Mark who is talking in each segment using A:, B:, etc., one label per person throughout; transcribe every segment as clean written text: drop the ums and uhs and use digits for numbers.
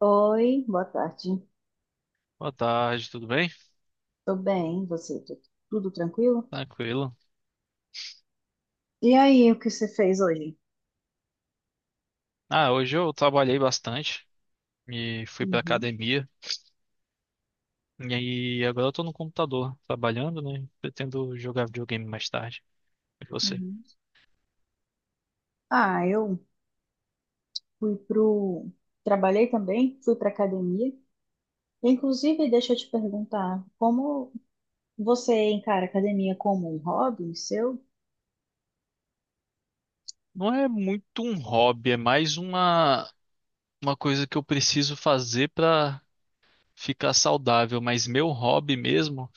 A: Oi, boa tarde.
B: Boa tarde, tudo bem?
A: Tô bem, e você? Tudo tranquilo?
B: Tranquilo.
A: E aí, o que você fez hoje?
B: Hoje eu trabalhei bastante e fui pra
A: Uhum,
B: academia. E aí agora eu tô no computador trabalhando, né? Pretendo jogar videogame mais tarde. E você?
A: uhum. Eu fui pro... Trabalhei também, fui pra academia. Inclusive, deixa eu te perguntar, como você encara a academia como um hobby seu?
B: Não é muito um hobby, é mais uma coisa que eu preciso fazer pra ficar saudável. Mas meu hobby mesmo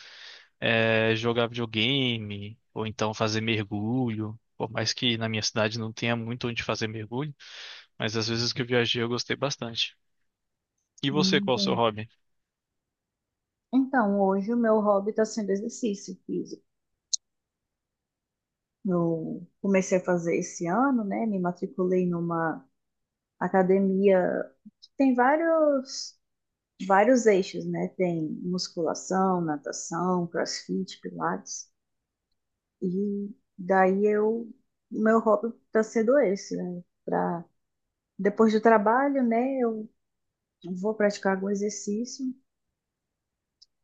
B: é jogar videogame ou então fazer mergulho. Por mais que na minha cidade não tenha muito onde fazer mergulho, mas às vezes que eu viajei eu gostei bastante. E você, qual é o seu
A: Bem.
B: hobby?
A: Então, hoje o meu hobby está sendo exercício físico. Eu comecei a fazer esse ano, né? Me matriculei numa academia que tem vários eixos, né? Tem musculação, natação, crossfit, pilates. E daí meu hobby está sendo esse, né? Pra, depois do trabalho, né? Eu vou praticar algum exercício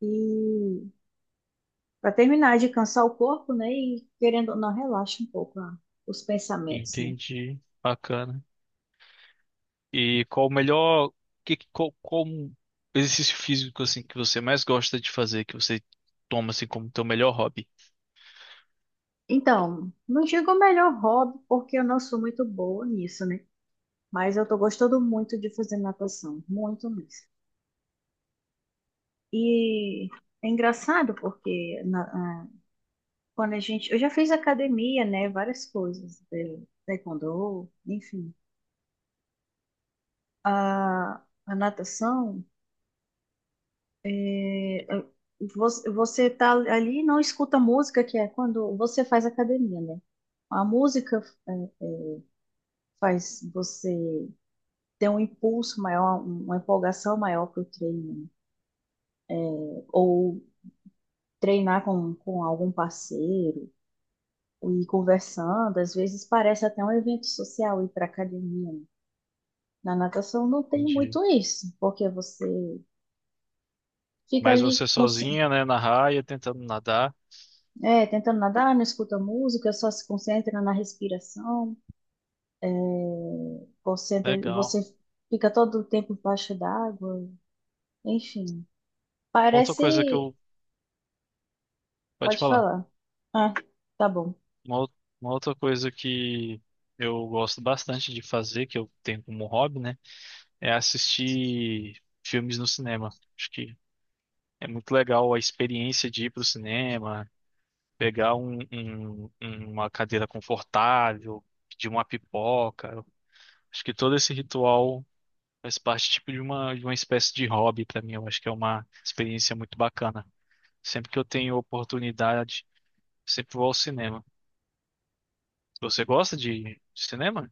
A: e para terminar de cansar o corpo, né? E querendo ou não, relaxa um pouco os pensamentos, né?
B: Entendi. Bacana. E qual o melhor, qual exercício físico assim que você mais gosta de fazer, que você toma assim como teu melhor hobby?
A: Então, não digo o melhor hobby, porque eu não sou muito boa nisso, né? Mas eu tô gostando muito de fazer natação, muito mesmo. E é engraçado porque quando a gente. Eu já fiz academia, né? Várias coisas, taekwondo, enfim. A natação, eh, você tá ali e não escuta música, que é quando você faz academia, né? A música faz você ter um impulso maior, uma empolgação maior para o treino, né? Ou treinar com algum parceiro. E conversando, às vezes parece até um evento social ir para a academia, né? Na natação não tem
B: Entendi.
A: muito isso, porque você fica
B: Mas você
A: ali cons-
B: sozinha, né, na raia, tentando nadar.
A: é, tentando nadar, não escuta música, só se concentra na respiração, concentra,
B: Legal.
A: você fica todo o tempo embaixo d'água, enfim.
B: Outra coisa que
A: Parece,
B: eu, pode
A: pode
B: falar.
A: falar. Ah, tá bom,
B: Uma, ou- uma outra coisa que eu gosto bastante de fazer, que eu tenho como hobby, né, é assistir filmes no cinema. Acho que é muito legal a experiência de ir pro cinema, pegar uma cadeira confortável, pedir uma pipoca. Acho que todo esse ritual faz parte tipo de uma espécie de hobby para mim. Eu acho que é uma experiência muito bacana. Sempre que eu tenho oportunidade, sempre vou ao cinema. Você gosta de cinema?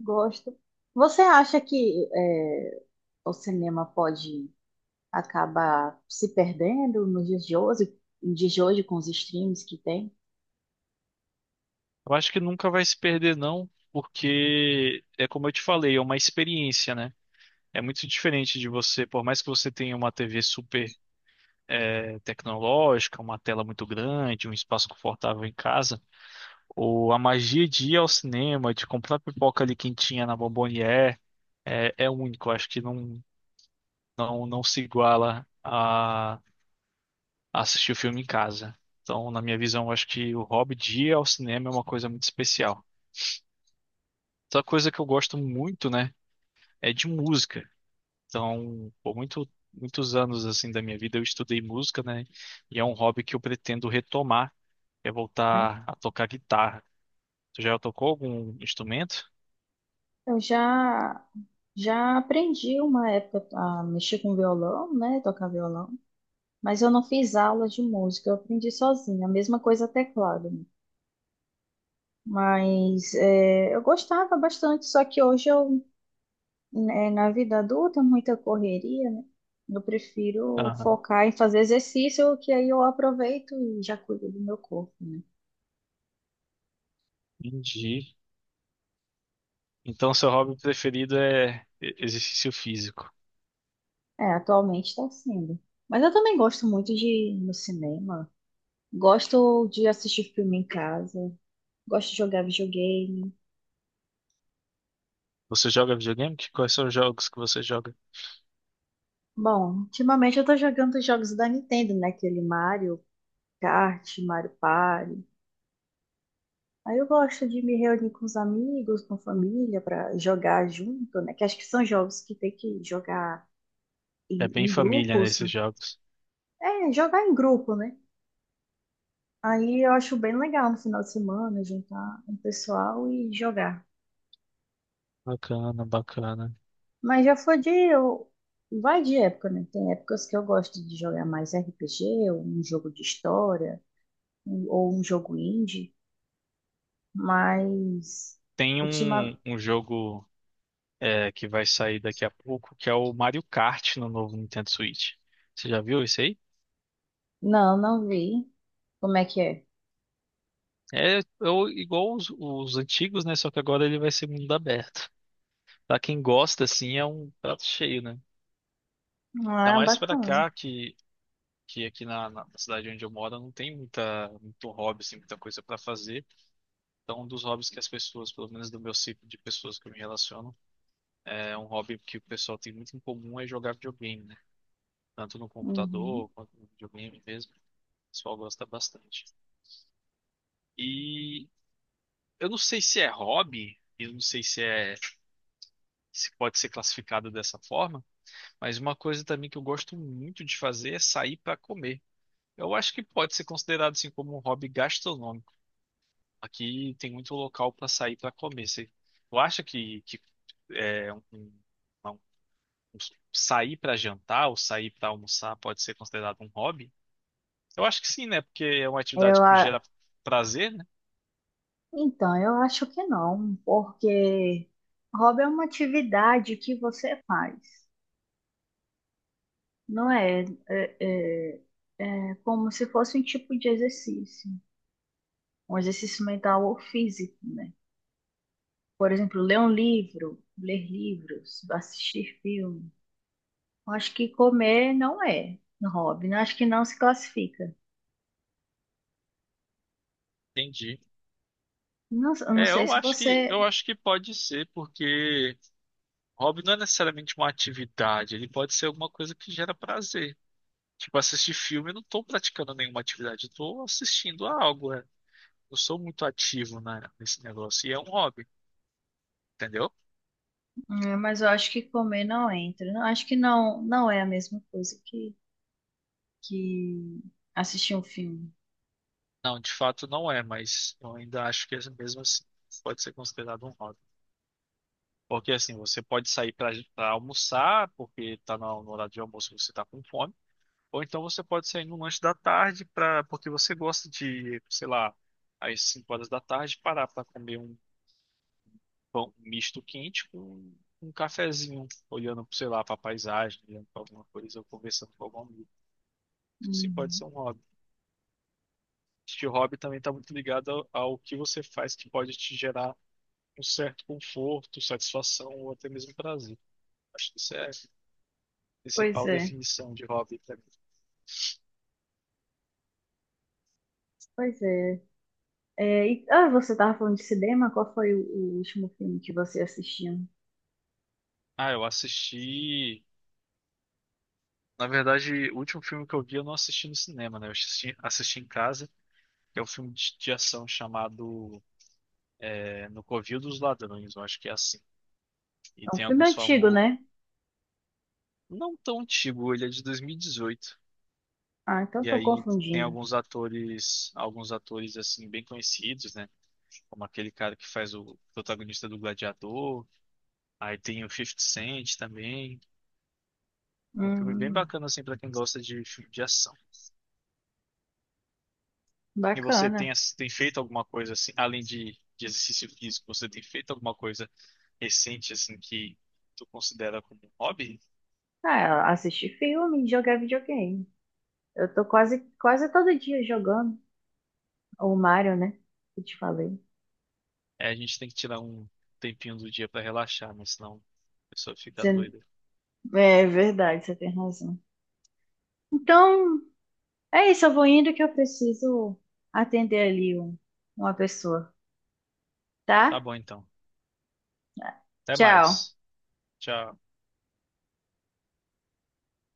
A: gosto. Você acha que é, o cinema pode acaba se perdendo nos dias de hoje, nos dias de hoje com os streams que tem,
B: Eu acho que nunca vai se perder, não, porque é como eu te falei, é uma experiência, né? É muito diferente de você, por mais que você tenha uma TV super tecnológica, uma tela muito grande, um espaço confortável em casa, ou a magia de ir ao cinema, de comprar pipoca ali quentinha na Bombonier, é, é único. Eu acho que não, não se iguala a assistir o filme em casa. Então, na minha visão, eu acho que o hobby de ir ao cinema é uma coisa muito especial. Outra coisa que eu gosto muito, né, é de música. Então, por muitos anos assim da minha vida eu estudei música, né, e é um hobby que eu pretendo retomar, quer
A: né?
B: voltar a tocar guitarra. Tu já tocou algum instrumento?
A: Eu já aprendi uma época a mexer com violão, né? Tocar violão, mas eu não fiz aulas de música, eu aprendi sozinha, a mesma coisa teclado, né? Mas é, eu gostava bastante, só que hoje eu, né, na vida adulta, muita correria, né? Eu prefiro
B: Aham,
A: focar em fazer exercício, que aí eu aproveito e já cuido do meu corpo, né?
B: entendi. Então, seu hobby preferido é exercício físico.
A: É, atualmente está sendo. Mas eu também gosto muito de ir no cinema. Gosto de assistir filme em casa. Gosto de jogar videogame.
B: Você joga videogame? Quais são os jogos que você joga?
A: Bom, ultimamente eu tô jogando os jogos da Nintendo, né? Aquele Mario Kart, Mario Party. Aí eu gosto de me reunir com os amigos, com a família, para jogar junto, né? Que acho que são jogos que tem que jogar
B: É bem
A: em
B: família
A: grupos.
B: nesses jogos.
A: É, jogar em grupo, né? Aí eu acho bem legal no final de semana juntar um pessoal e jogar.
B: Bacana, bacana.
A: Mas já foi de. Eu... Vai de época, né? Tem épocas que eu gosto de jogar mais RPG, ou um jogo de história, ou um jogo indie, mas.
B: Tem
A: Ultima...
B: um jogo que vai sair daqui a pouco, que é o Mario Kart no novo Nintendo Switch. Você já viu isso aí?
A: Não, não vi. Como é que é?
B: É, igual os antigos, né? Só que agora ele vai ser mundo aberto. Pra quem gosta, assim, é um prato cheio, né?
A: Ah,
B: Ainda
A: é
B: mais pra
A: bacana.
B: cá, que aqui na cidade onde eu moro não tem muito hobby, assim, muita coisa pra fazer. Então, um dos hobbies que as pessoas, pelo menos do meu ciclo de pessoas que eu me relaciono, é um hobby que o pessoal tem muito em comum é jogar videogame, né? Tanto no
A: Uhum.
B: computador quanto no videogame mesmo. O pessoal gosta bastante. E eu não sei se é hobby, eu não sei se é, se pode ser classificado dessa forma, mas uma coisa também que eu gosto muito de fazer é sair pra comer. Eu acho que pode ser considerado assim como um hobby gastronômico. Aqui tem muito local para sair para comer. Você, tu acha que é, um- sair para jantar ou sair para almoçar pode ser considerado um hobby? Eu acho que sim, né? Porque é uma atividade
A: Eu,
B: que gera
A: a-
B: prazer, né?
A: então, eu acho que não, porque hobby é uma atividade que você faz, não é? É como se fosse um tipo de exercício, um exercício mental ou físico, né? Por exemplo, ler um livro, ler livros, assistir filme. Eu acho que comer não é um hobby, né? Acho que não se classifica.
B: Entendi.
A: Não, eu não
B: É,
A: sei se
B: eu
A: você,
B: acho que pode ser, porque hobby não é necessariamente uma atividade, ele pode ser alguma coisa que gera prazer. Tipo, assistir filme, eu não tô praticando nenhuma atividade, eu tô assistindo a algo, né? Eu sou muito ativo nesse negócio e é um hobby, entendeu?
A: mas eu acho que comer não entra. Não, acho que não, não é a mesma coisa que assistir um filme.
B: Não, de fato não é, mas eu ainda acho que é mesmo assim pode ser considerado um hobby. Porque assim, você pode sair para almoçar, porque tá no horário de almoço e você tá com fome, ou então você pode sair no lanche da tarde para porque você gosta de, sei lá, às 5 horas da tarde parar para comer um pão misto quente com um cafezinho, olhando, sei lá, para paisagem, olhando para alguma coisa ou conversando com algum amigo. Isso sim pode
A: Uhum.
B: ser um hobby. Este hobby também está muito ligado ao que você faz que pode te gerar um certo conforto, satisfação ou até mesmo prazer. Acho que isso é a
A: Pois
B: principal
A: é,
B: definição de hobby pra mim.
A: pois é. Você estava falando de cinema, qual foi o último filme que você assistiu?
B: Ah, eu assisti. Na verdade, o último filme que eu vi eu não assisti no cinema, né? Eu assisti, assisti em casa. É um filme de ação chamado No Covil dos Ladrões, eu acho que é assim. E
A: É um
B: tem
A: filme
B: alguns
A: antigo,
B: famosos.
A: né?
B: Não tão antigo, ele é de 2018. E dezoito.
A: Ah, então
B: E
A: estou
B: aí tem
A: confundindo.
B: alguns atores assim bem conhecidos, né? Como aquele cara que faz o protagonista do Gladiador, aí tem o Fifty Cent também. Um filme bem
A: Hum,
B: bacana, assim, pra quem gosta de filme de ação. E você tem,
A: bacana.
B: tem feito alguma coisa, assim, além de exercício físico, você tem feito alguma coisa recente, assim, que tu considera como um hobby?
A: Ah, assistir filme e jogar videogame. Eu tô quase todo dia jogando o Mario, né? Que eu te falei.
B: É, a gente tem que tirar um tempinho do dia pra relaxar, né? Senão a pessoa fica
A: Você-
B: doida.
A: É verdade, você tem razão. Então, é isso, eu vou indo que eu preciso atender ali uma pessoa,
B: Tá
A: tá?
B: bom, então. Até
A: Tchau.
B: mais. Tchau.